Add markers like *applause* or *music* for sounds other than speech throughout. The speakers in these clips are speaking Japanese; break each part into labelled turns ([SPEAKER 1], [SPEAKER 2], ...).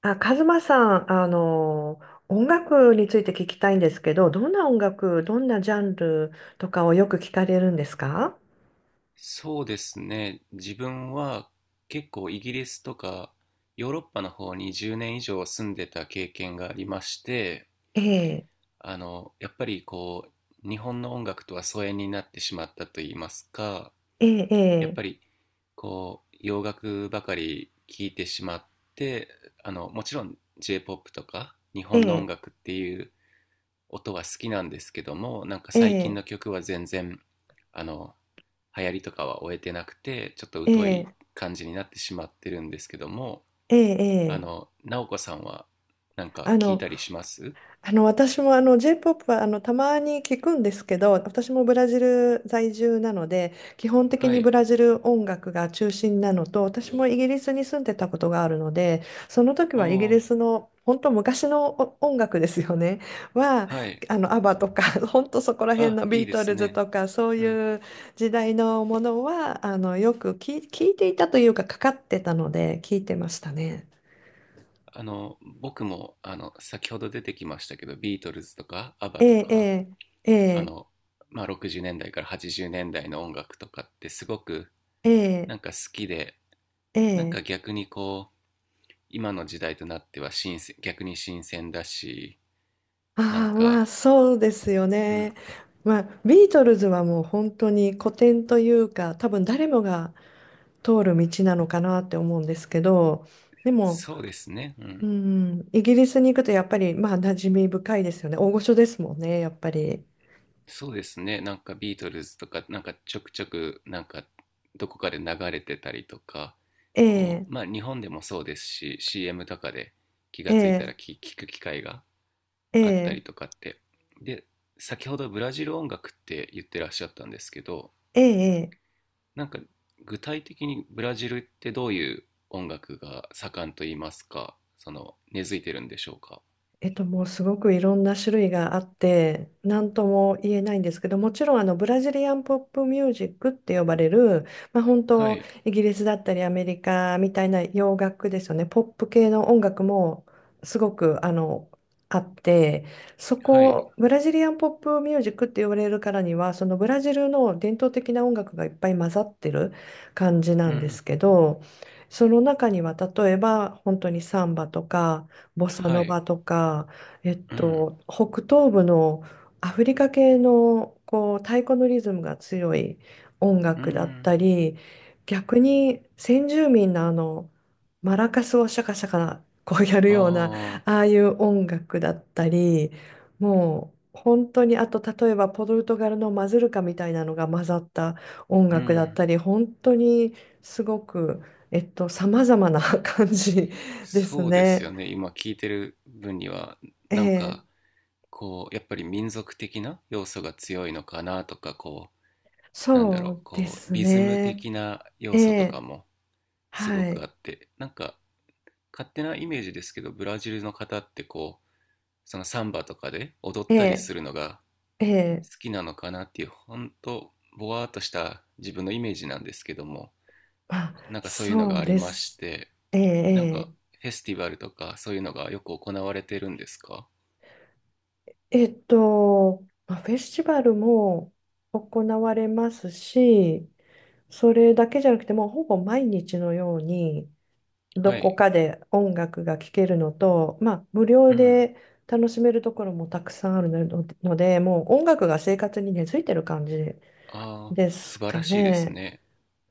[SPEAKER 1] あ、カズマさん、音楽について聞きたいんですけど、どんな音楽、どんなジャンルとかをよく聞かれるんですか？
[SPEAKER 2] そうですね。自分は結構イギリスとかヨーロッパの方に10年以上住んでた経験がありまして、
[SPEAKER 1] ええ、
[SPEAKER 2] やっぱりこう、日本の音楽とは疎遠になってしまったと言いますか、
[SPEAKER 1] え
[SPEAKER 2] やっ
[SPEAKER 1] え、
[SPEAKER 2] ぱりこう、洋楽ばかり聴いてしまって、もちろん J-POP とか日
[SPEAKER 1] え
[SPEAKER 2] 本の音
[SPEAKER 1] え、
[SPEAKER 2] 楽っていう音は好きなんですけども、なんか
[SPEAKER 1] え
[SPEAKER 2] 最近
[SPEAKER 1] え、
[SPEAKER 2] の曲は全然あの流行りとかは終えてなくて、ちょっと
[SPEAKER 1] え
[SPEAKER 2] 疎い
[SPEAKER 1] え、
[SPEAKER 2] 感じになってしまってるんですけども。
[SPEAKER 1] ええ、ええ、
[SPEAKER 2] 直子さんはなんか
[SPEAKER 1] あ
[SPEAKER 2] 聞い
[SPEAKER 1] の、
[SPEAKER 2] たりします
[SPEAKER 1] 私もJ-POP はたまに聞くんですけど、私もブラジル在住なので基本的
[SPEAKER 2] は
[SPEAKER 1] にブ
[SPEAKER 2] い。
[SPEAKER 1] ラジル音楽が中心なのと、私もイギリスに住んでたことがあるので、その時
[SPEAKER 2] お
[SPEAKER 1] はイギリ
[SPEAKER 2] ー。
[SPEAKER 1] スの本当昔のお音楽ですよね。は
[SPEAKER 2] はい。
[SPEAKER 1] アバとか *laughs* 本当そこら辺
[SPEAKER 2] あ、
[SPEAKER 1] のビ
[SPEAKER 2] い
[SPEAKER 1] ー
[SPEAKER 2] いで
[SPEAKER 1] ト
[SPEAKER 2] す
[SPEAKER 1] ルズ
[SPEAKER 2] ね。
[SPEAKER 1] とかそう
[SPEAKER 2] うん。
[SPEAKER 1] いう時代のものはよく聞いていたというかかかってたので聞いてましたね。
[SPEAKER 2] 僕も先ほど出てきましたけど、ビートルズとかア
[SPEAKER 1] え
[SPEAKER 2] バと
[SPEAKER 1] え
[SPEAKER 2] か、
[SPEAKER 1] ええ
[SPEAKER 2] あ
[SPEAKER 1] ええ
[SPEAKER 2] のまあ、60年代から80年代の音楽とかってすごくな
[SPEAKER 1] ええ
[SPEAKER 2] んか好きで、なん
[SPEAKER 1] ええ
[SPEAKER 2] か逆にこう、今の時代となっては新鮮、逆に新鮮だし、なん
[SPEAKER 1] ああ、まあ
[SPEAKER 2] か、
[SPEAKER 1] そうですよ
[SPEAKER 2] う
[SPEAKER 1] ね。
[SPEAKER 2] ん。
[SPEAKER 1] まあビートルズはもう本当に古典というか、多分誰もが通る道なのかなって思うんですけど、でも、
[SPEAKER 2] そうですね、う
[SPEAKER 1] う
[SPEAKER 2] ん。
[SPEAKER 1] ん、イギリスに行くとやっぱりまあ馴染み深いですよね、大御所ですもんね、やっぱり。
[SPEAKER 2] そうですね。なんかビートルズとかなんかちょくちょくなんかどこかで流れてたりとか、こ
[SPEAKER 1] ええ
[SPEAKER 2] う、まあ日本でもそうですし、 CM とかで気がついたら
[SPEAKER 1] ええ
[SPEAKER 2] 聞く機会があった
[SPEAKER 1] え
[SPEAKER 2] り
[SPEAKER 1] え
[SPEAKER 2] とかって、で、先ほどブラジル音楽って言ってらっしゃったんですけど、
[SPEAKER 1] ええええ
[SPEAKER 2] なんか具体的にブラジルってどういう音楽が盛んと言いますか、その根付いてるんでしょうか。
[SPEAKER 1] もうすごくいろんな種類があって、何とも言えないんですけど、もちろんブラジリアンポップミュージックって呼ばれる、まあ、本
[SPEAKER 2] は
[SPEAKER 1] 当、
[SPEAKER 2] い。
[SPEAKER 1] イギリスだったりアメリカみたいな洋楽ですよね、ポップ系の音楽もすごくあって、そ
[SPEAKER 2] はい。
[SPEAKER 1] こ、ブラジリアンポップミュージックって呼ばれるからには、そのブラジルの伝統的な音楽がいっぱい混ざってる感じな
[SPEAKER 2] う
[SPEAKER 1] んで
[SPEAKER 2] ん。
[SPEAKER 1] すけど、その中には例えば本当にサンバとか、ボサ
[SPEAKER 2] は
[SPEAKER 1] ノ
[SPEAKER 2] い。
[SPEAKER 1] バとか、
[SPEAKER 2] うん。
[SPEAKER 1] 北東部のアフリカ系のこう太鼓のリズムが強い音
[SPEAKER 2] う
[SPEAKER 1] 楽だった
[SPEAKER 2] ん。
[SPEAKER 1] り、逆に先住民のマラカスをシャカシャカこうやるような
[SPEAKER 2] ああ。
[SPEAKER 1] ああいう音楽だったり、もう本当にあと例えばポルトガルのマズルカみたいなのが混ざった音
[SPEAKER 2] う
[SPEAKER 1] 楽だっ
[SPEAKER 2] ん。
[SPEAKER 1] たり、本当にすごく。様々な *laughs* 感じです
[SPEAKER 2] そうですよ
[SPEAKER 1] ね。
[SPEAKER 2] ね。今聞いてる分には、
[SPEAKER 1] え
[SPEAKER 2] なん
[SPEAKER 1] え、
[SPEAKER 2] かこう、やっぱり民族的な要素が強いのかなとか、こう、なんだろ
[SPEAKER 1] そ
[SPEAKER 2] う、
[SPEAKER 1] うで
[SPEAKER 2] こう、
[SPEAKER 1] す
[SPEAKER 2] リズム
[SPEAKER 1] ね。
[SPEAKER 2] 的な
[SPEAKER 1] え
[SPEAKER 2] 要素とか
[SPEAKER 1] え、
[SPEAKER 2] もすご
[SPEAKER 1] は
[SPEAKER 2] く
[SPEAKER 1] い。
[SPEAKER 2] あって、なんか勝手なイメージですけど、ブラジルの方ってこう、そのサンバとかで踊っ
[SPEAKER 1] え
[SPEAKER 2] たり
[SPEAKER 1] え、
[SPEAKER 2] するのが
[SPEAKER 1] ええ、
[SPEAKER 2] 好きなのかなっていう、本当ぼわーっとした自分のイメージなんですけども、
[SPEAKER 1] あ、
[SPEAKER 2] なんかそういうの
[SPEAKER 1] そ
[SPEAKER 2] が
[SPEAKER 1] う
[SPEAKER 2] あり
[SPEAKER 1] で
[SPEAKER 2] まし
[SPEAKER 1] す。
[SPEAKER 2] て、
[SPEAKER 1] え
[SPEAKER 2] なんか
[SPEAKER 1] え
[SPEAKER 2] フェスティバルとかそういうのがよく行われてるんですか？
[SPEAKER 1] え、えまあ、フェスティバルも行われますし、それだけじゃなくて、もうほぼ毎日のように、ど
[SPEAKER 2] は
[SPEAKER 1] こ
[SPEAKER 2] い。
[SPEAKER 1] かで音楽が聴けるのと、まあ、無料
[SPEAKER 2] うん。
[SPEAKER 1] で楽しめるところもたくさんあるので、もう音楽が生活に根付いてる感じ
[SPEAKER 2] ああ、
[SPEAKER 1] で
[SPEAKER 2] 素
[SPEAKER 1] す
[SPEAKER 2] 晴ら
[SPEAKER 1] か
[SPEAKER 2] しいです
[SPEAKER 1] ね。
[SPEAKER 2] ね。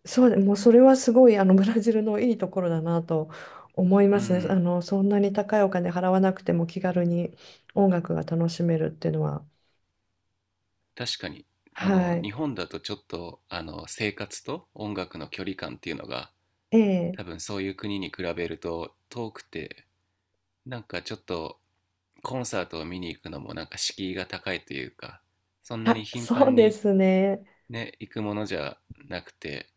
[SPEAKER 1] そうで、もうそれはすごいブラジルのいいところだなと思いま
[SPEAKER 2] う
[SPEAKER 1] すね。
[SPEAKER 2] ん。
[SPEAKER 1] そんなに高いお金払わなくても気軽に音楽が楽しめるっていうのは。
[SPEAKER 2] 確かに。
[SPEAKER 1] はい。
[SPEAKER 2] 日本だとちょっと生活と音楽の距離感っていうのが、
[SPEAKER 1] ええ、
[SPEAKER 2] 多分そういう国に比べると遠くて、なんかちょっとコンサートを見に行くのもなんか敷居が高いというか、そんなに
[SPEAKER 1] *laughs*
[SPEAKER 2] 頻
[SPEAKER 1] そ
[SPEAKER 2] 繁
[SPEAKER 1] うで
[SPEAKER 2] に
[SPEAKER 1] すね。
[SPEAKER 2] ね行くものじゃなくて、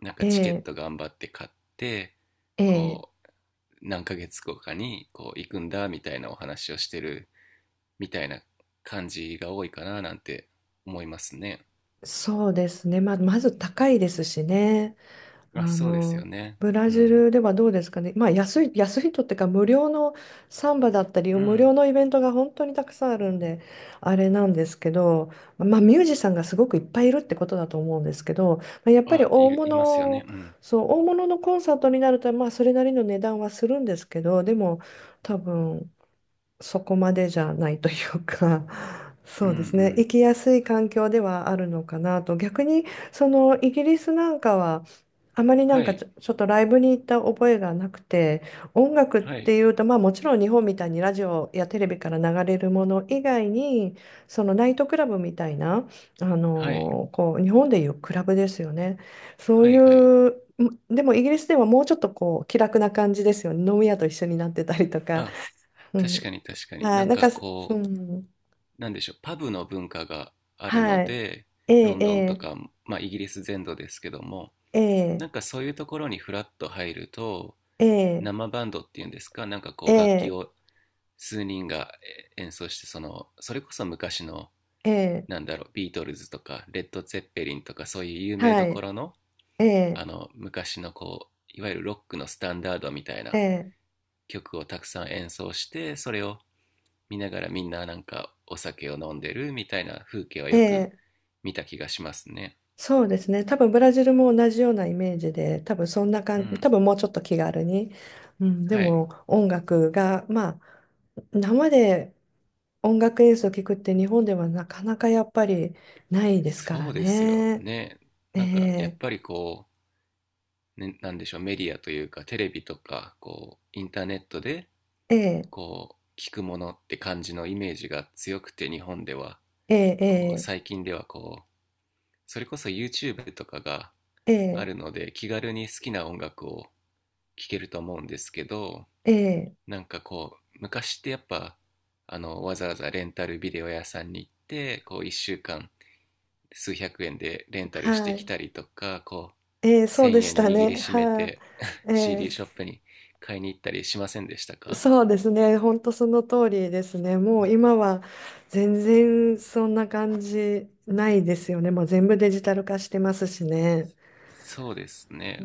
[SPEAKER 2] なん
[SPEAKER 1] え
[SPEAKER 2] かチケッ
[SPEAKER 1] え、
[SPEAKER 2] ト頑張って買って、
[SPEAKER 1] ええ、
[SPEAKER 2] こう、何ヶ月後かにこう行くんだみたいなお話をしてるみたいな感じが多いかななんて思いますね。
[SPEAKER 1] そうですね。まず高いですしね。あ
[SPEAKER 2] あ、そうですよ
[SPEAKER 1] の、
[SPEAKER 2] ね。
[SPEAKER 1] ブラ
[SPEAKER 2] う
[SPEAKER 1] ジ
[SPEAKER 2] ん。
[SPEAKER 1] ルではどうですかね。まあ、安い、安いとってか、無料のサンバだったり、
[SPEAKER 2] う
[SPEAKER 1] 無
[SPEAKER 2] ん。
[SPEAKER 1] 料のイベントが本当にたくさんあるんで、あれなんですけど、まあ、ミュージシャンがすごくいっぱいいるってことだと思うんですけど、まあ、やっぱり
[SPEAKER 2] あ、い
[SPEAKER 1] 大
[SPEAKER 2] るいますよね。
[SPEAKER 1] 物、
[SPEAKER 2] うん。
[SPEAKER 1] そう、大物のコンサートになると、まあ、それなりの値段はするんですけど、でも、多分、そこまでじゃないというか、*laughs*
[SPEAKER 2] う
[SPEAKER 1] そ
[SPEAKER 2] んう
[SPEAKER 1] うですね、生
[SPEAKER 2] ん。
[SPEAKER 1] きやすい環境ではあるのかなと、逆にそのイギリスなんかは、あまりなん
[SPEAKER 2] は
[SPEAKER 1] かち
[SPEAKER 2] い。
[SPEAKER 1] ょ、ちょっとライブに行った覚えがなくて、音楽っ
[SPEAKER 2] は
[SPEAKER 1] て
[SPEAKER 2] い。
[SPEAKER 1] いうと、まあもちろん日本みたいにラジオやテレビから流れるもの以外に、そのナイトクラブみたいな、
[SPEAKER 2] はい。
[SPEAKER 1] こう日本でいうクラブですよね。そう
[SPEAKER 2] はいはい。
[SPEAKER 1] いう、でもイギリスではもうちょっとこう気楽な感じですよね。飲み屋と一緒になってたりとか。
[SPEAKER 2] あ、
[SPEAKER 1] う
[SPEAKER 2] 確
[SPEAKER 1] ん、
[SPEAKER 2] かに確かに。
[SPEAKER 1] は
[SPEAKER 2] な
[SPEAKER 1] い、
[SPEAKER 2] ん
[SPEAKER 1] なん
[SPEAKER 2] か
[SPEAKER 1] か、う
[SPEAKER 2] こう、
[SPEAKER 1] ん、
[SPEAKER 2] なんでしょう、パブの文化があるの
[SPEAKER 1] はい。
[SPEAKER 2] で、
[SPEAKER 1] え
[SPEAKER 2] ロンドンと
[SPEAKER 1] え、
[SPEAKER 2] か、まあ、イギリス全土ですけども、
[SPEAKER 1] ええ、え
[SPEAKER 2] な
[SPEAKER 1] え、
[SPEAKER 2] んかそういうところにフラッと入ると、生バンドっていうんですか、なんか
[SPEAKER 1] え
[SPEAKER 2] こう楽器
[SPEAKER 1] え、
[SPEAKER 2] を数人が演奏して、そのそれこそ昔の、
[SPEAKER 1] ええ、
[SPEAKER 2] なんだろう、ビートルズとかレッド・ツェッペリンとかそういう有名
[SPEAKER 1] は
[SPEAKER 2] どこ
[SPEAKER 1] い、
[SPEAKER 2] ろの、
[SPEAKER 1] ええ、
[SPEAKER 2] 昔のこういわゆるロックのスタンダードみたい
[SPEAKER 1] え
[SPEAKER 2] な
[SPEAKER 1] え、
[SPEAKER 2] 曲をたくさん演奏して、それを見ながらみんななんかお酒を飲んでるみたいな風景は
[SPEAKER 1] え
[SPEAKER 2] よく
[SPEAKER 1] え、
[SPEAKER 2] 見た気がしますね。
[SPEAKER 1] そうですね。多分ブラジルも同じようなイメージで、多分そんな
[SPEAKER 2] う
[SPEAKER 1] 感じ、多
[SPEAKER 2] ん。
[SPEAKER 1] 分もうちょっと気軽に。うん、で
[SPEAKER 2] はい。
[SPEAKER 1] も音楽が、まあ、生で音楽演奏を聞くって日本ではなかなかやっぱりないですから
[SPEAKER 2] そうですよ
[SPEAKER 1] ね。
[SPEAKER 2] ね。
[SPEAKER 1] え
[SPEAKER 2] なんかやっ
[SPEAKER 1] え、
[SPEAKER 2] ぱりこう、ね、なんでしょう、メディアというかテレビとか、こう、インターネットで、
[SPEAKER 1] ええ、
[SPEAKER 2] こう、聞くものって感じのイメージが強くて日本では、
[SPEAKER 1] ええ、え
[SPEAKER 2] こう、
[SPEAKER 1] え、
[SPEAKER 2] 最近ではこう、それこそ YouTube とかが
[SPEAKER 1] え
[SPEAKER 2] あ
[SPEAKER 1] え、
[SPEAKER 2] るので気軽に好きな音楽を聴けると思うんですけど、
[SPEAKER 1] ええ
[SPEAKER 2] なんかこう、昔ってやっぱ、わざわざレンタルビデオ屋さんに行って、こう、1週間数百円でレンタルして
[SPEAKER 1] は
[SPEAKER 2] き
[SPEAKER 1] い。
[SPEAKER 2] たりとか、こう、
[SPEAKER 1] そう
[SPEAKER 2] 1,000
[SPEAKER 1] でし
[SPEAKER 2] 円
[SPEAKER 1] た
[SPEAKER 2] 握り
[SPEAKER 1] ね。
[SPEAKER 2] しめ
[SPEAKER 1] は
[SPEAKER 2] て *laughs*
[SPEAKER 1] い、
[SPEAKER 2] CD ショップに買いに行ったりしませんでしたか？
[SPEAKER 1] そうですね。本当その通りですね。も
[SPEAKER 2] うん。
[SPEAKER 1] う今は全然そんな感じないですよね。もう全部デジタル化してますしね。
[SPEAKER 2] そうですね。
[SPEAKER 1] う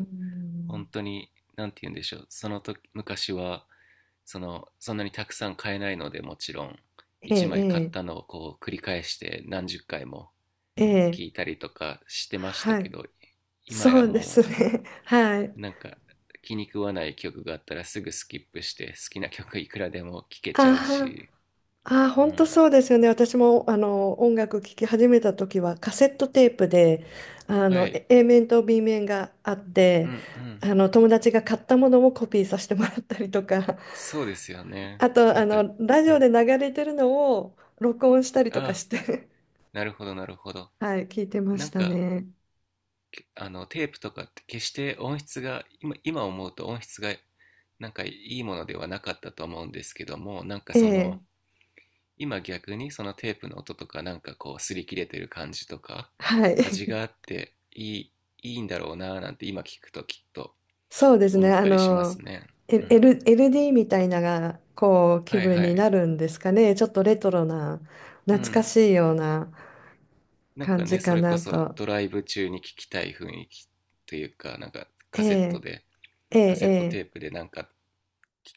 [SPEAKER 2] 本
[SPEAKER 1] ん、
[SPEAKER 2] 当に。何て言うんでしょう、その時昔は、そのそんなにたくさん買えないのでもちろん1枚買っ
[SPEAKER 1] ええ
[SPEAKER 2] たのをこう繰り返して何十回も
[SPEAKER 1] ええ
[SPEAKER 2] 聞い
[SPEAKER 1] ええ
[SPEAKER 2] たりとかしてました
[SPEAKER 1] は
[SPEAKER 2] け
[SPEAKER 1] い。
[SPEAKER 2] ど、今
[SPEAKER 1] そ
[SPEAKER 2] や
[SPEAKER 1] うです
[SPEAKER 2] も
[SPEAKER 1] ね。*laughs* はい。
[SPEAKER 2] うなんか気に食わない曲があったらすぐスキップして好きな曲いくらでも聴けち
[SPEAKER 1] あ
[SPEAKER 2] ゃう
[SPEAKER 1] は。
[SPEAKER 2] し。
[SPEAKER 1] ああ、
[SPEAKER 2] う
[SPEAKER 1] 本当
[SPEAKER 2] ん。
[SPEAKER 1] そうですよね。私も音楽聴き始めた時はカセットテープであ
[SPEAKER 2] は
[SPEAKER 1] のえ
[SPEAKER 2] い。
[SPEAKER 1] A面と B面があっ
[SPEAKER 2] う
[SPEAKER 1] て、
[SPEAKER 2] んうん。
[SPEAKER 1] 友達が買ったものをコピーさせてもらったりとか、
[SPEAKER 2] そうですよね。
[SPEAKER 1] あと
[SPEAKER 2] なんか、
[SPEAKER 1] ラジ
[SPEAKER 2] う
[SPEAKER 1] オ
[SPEAKER 2] ん。
[SPEAKER 1] で流れてるのを録音したり
[SPEAKER 2] あ
[SPEAKER 1] とかし
[SPEAKER 2] あ、
[SPEAKER 1] て *laughs*
[SPEAKER 2] なるほど、なるほど。
[SPEAKER 1] はい、聞いてま
[SPEAKER 2] な
[SPEAKER 1] し
[SPEAKER 2] ん
[SPEAKER 1] た
[SPEAKER 2] か、
[SPEAKER 1] ね。
[SPEAKER 2] けあの、テープとかって決して音質が、今思うと音質が、なんかいいものではなかったと思うんですけども、なんか
[SPEAKER 1] え
[SPEAKER 2] そ
[SPEAKER 1] え、
[SPEAKER 2] の、今逆にそのテープの音とか、なんかこう、擦り切れてる感じとか、
[SPEAKER 1] は
[SPEAKER 2] 味
[SPEAKER 1] い。
[SPEAKER 2] があっていい、いいんだろうなぁなんて今聞くときっと
[SPEAKER 1] そうですね。
[SPEAKER 2] 思ったりしますね。うん。
[SPEAKER 1] LD みたいなが、こう、気
[SPEAKER 2] はい
[SPEAKER 1] 分
[SPEAKER 2] は
[SPEAKER 1] にな
[SPEAKER 2] い。
[SPEAKER 1] るんですかね。ちょっとレトロな、
[SPEAKER 2] う
[SPEAKER 1] 懐か
[SPEAKER 2] ん。
[SPEAKER 1] しいような
[SPEAKER 2] なん
[SPEAKER 1] 感
[SPEAKER 2] かね、
[SPEAKER 1] じ
[SPEAKER 2] そ
[SPEAKER 1] か
[SPEAKER 2] れこ
[SPEAKER 1] な
[SPEAKER 2] そ
[SPEAKER 1] と。
[SPEAKER 2] ドライブ中に聞きたい雰囲気というか、なんか
[SPEAKER 1] え
[SPEAKER 2] カセット
[SPEAKER 1] え、
[SPEAKER 2] で、
[SPEAKER 1] ええ、
[SPEAKER 2] カ
[SPEAKER 1] え
[SPEAKER 2] セット
[SPEAKER 1] え。
[SPEAKER 2] テープでなんか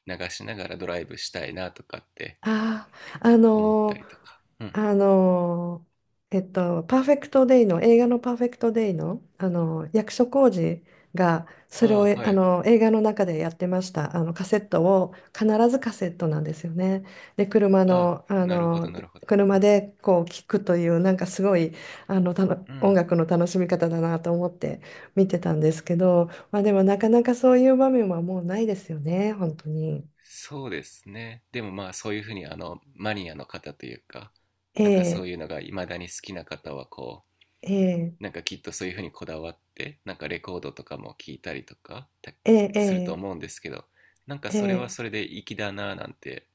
[SPEAKER 2] 流しながらドライブしたいなとかって
[SPEAKER 1] ああ、
[SPEAKER 2] 思ったりとか。うん。
[SPEAKER 1] あのパーフェクトデイの、映画のパーフェクトデイの、役所広司が、それを、
[SPEAKER 2] ああ、
[SPEAKER 1] え
[SPEAKER 2] はい
[SPEAKER 1] あ
[SPEAKER 2] はい。
[SPEAKER 1] のー映画の中でやってました。カセットを、必ずカセットなんですよね。で、車
[SPEAKER 2] ああ、
[SPEAKER 1] の、
[SPEAKER 2] なるほど、なるほど。う
[SPEAKER 1] 車
[SPEAKER 2] ん。
[SPEAKER 1] でこう聞くという、なんかすごい、たの
[SPEAKER 2] う
[SPEAKER 1] 音
[SPEAKER 2] ん。
[SPEAKER 1] 楽の楽しみ方だなと思って見てたんですけど、まあでもなかなかそういう場面はもうないですよね、本当に。
[SPEAKER 2] そうですね。でもまあそういうふうに、マニアの方というか、なんかそ
[SPEAKER 1] ええ
[SPEAKER 2] ういうのが未だに好きな方はこう、
[SPEAKER 1] ええ
[SPEAKER 2] なんかきっとそういうふうにこだわってなんかレコードとかも聞いたりとか
[SPEAKER 1] え
[SPEAKER 2] すると
[SPEAKER 1] ええ
[SPEAKER 2] 思うんですけど、なんか
[SPEAKER 1] え
[SPEAKER 2] それは
[SPEAKER 1] え
[SPEAKER 2] そ
[SPEAKER 1] え
[SPEAKER 2] れで粋だなぁなんて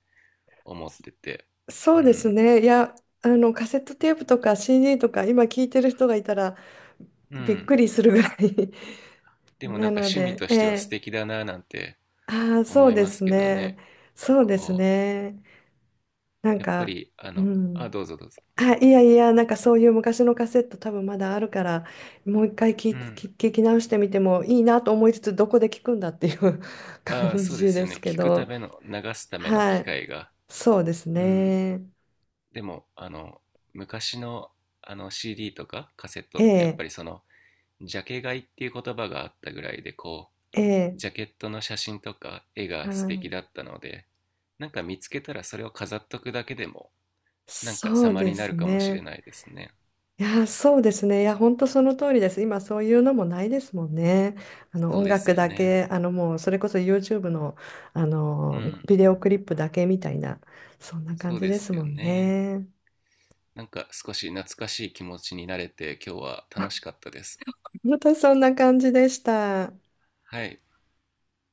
[SPEAKER 2] 思ってて。
[SPEAKER 1] そう
[SPEAKER 2] う
[SPEAKER 1] です
[SPEAKER 2] ん
[SPEAKER 1] ね。いや、カセットテープとか CD とか、今聞いてる人がいたら
[SPEAKER 2] う
[SPEAKER 1] びっ
[SPEAKER 2] ん。
[SPEAKER 1] くりするぐらい *laughs*
[SPEAKER 2] でもなん
[SPEAKER 1] な
[SPEAKER 2] か
[SPEAKER 1] の
[SPEAKER 2] 趣味
[SPEAKER 1] で、
[SPEAKER 2] と
[SPEAKER 1] え
[SPEAKER 2] しては素
[SPEAKER 1] え
[SPEAKER 2] 敵だなぁなんて
[SPEAKER 1] ああ、そ
[SPEAKER 2] 思
[SPEAKER 1] う
[SPEAKER 2] い
[SPEAKER 1] で
[SPEAKER 2] ます
[SPEAKER 1] す
[SPEAKER 2] けど
[SPEAKER 1] ね。
[SPEAKER 2] ね。
[SPEAKER 1] そうです
[SPEAKER 2] こ
[SPEAKER 1] ね。
[SPEAKER 2] う
[SPEAKER 1] なん
[SPEAKER 2] やっぱ
[SPEAKER 1] か、
[SPEAKER 2] り
[SPEAKER 1] う
[SPEAKER 2] あ、
[SPEAKER 1] ん。
[SPEAKER 2] どうぞどうぞ。
[SPEAKER 1] あ、いやいや、なんかそういう昔のカセット多分まだあるから、もう一回聞
[SPEAKER 2] う
[SPEAKER 1] いて、
[SPEAKER 2] ん。
[SPEAKER 1] 聞き直してみてもいいなと思いつつ、どこで聞くんだっていう *laughs*
[SPEAKER 2] ああ、
[SPEAKER 1] 感
[SPEAKER 2] そうで
[SPEAKER 1] じ
[SPEAKER 2] す
[SPEAKER 1] で
[SPEAKER 2] よ
[SPEAKER 1] す
[SPEAKER 2] ね、
[SPEAKER 1] け
[SPEAKER 2] 聞くた
[SPEAKER 1] ど、
[SPEAKER 2] めの流すための
[SPEAKER 1] は
[SPEAKER 2] 機
[SPEAKER 1] い。
[SPEAKER 2] 会が。
[SPEAKER 1] そうです
[SPEAKER 2] うん。
[SPEAKER 1] ね。
[SPEAKER 2] でも、昔のCD とかカセット
[SPEAKER 1] え
[SPEAKER 2] ってやっぱ
[SPEAKER 1] え
[SPEAKER 2] りその、ジャケ買いっていう言葉があったぐらいで、こ
[SPEAKER 1] え
[SPEAKER 2] う
[SPEAKER 1] え
[SPEAKER 2] ジャケットの写真とか絵
[SPEAKER 1] あ
[SPEAKER 2] が素敵
[SPEAKER 1] ー
[SPEAKER 2] だったので、なんか見つけたらそれを飾っとくだけでもなんか
[SPEAKER 1] そう
[SPEAKER 2] 様
[SPEAKER 1] で
[SPEAKER 2] にな
[SPEAKER 1] す
[SPEAKER 2] るかもしれ
[SPEAKER 1] ね。
[SPEAKER 2] ないですね。
[SPEAKER 1] いや、そうですね。いや、本当その通りです。今、そういうのもないですもんね。あの
[SPEAKER 2] そう
[SPEAKER 1] 音
[SPEAKER 2] です
[SPEAKER 1] 楽
[SPEAKER 2] よ
[SPEAKER 1] だ
[SPEAKER 2] ね。
[SPEAKER 1] け、もう、それこそ YouTube の、あ
[SPEAKER 2] う
[SPEAKER 1] の
[SPEAKER 2] ん。
[SPEAKER 1] ビデオクリップだけみたいな、そんな感
[SPEAKER 2] そう
[SPEAKER 1] じ
[SPEAKER 2] で
[SPEAKER 1] です
[SPEAKER 2] す
[SPEAKER 1] も
[SPEAKER 2] よ
[SPEAKER 1] ん
[SPEAKER 2] ね。
[SPEAKER 1] ね。
[SPEAKER 2] なんか少し懐かしい気持ちになれて今日は楽しかったです。
[SPEAKER 1] 本当そんな感じでした。
[SPEAKER 2] はい。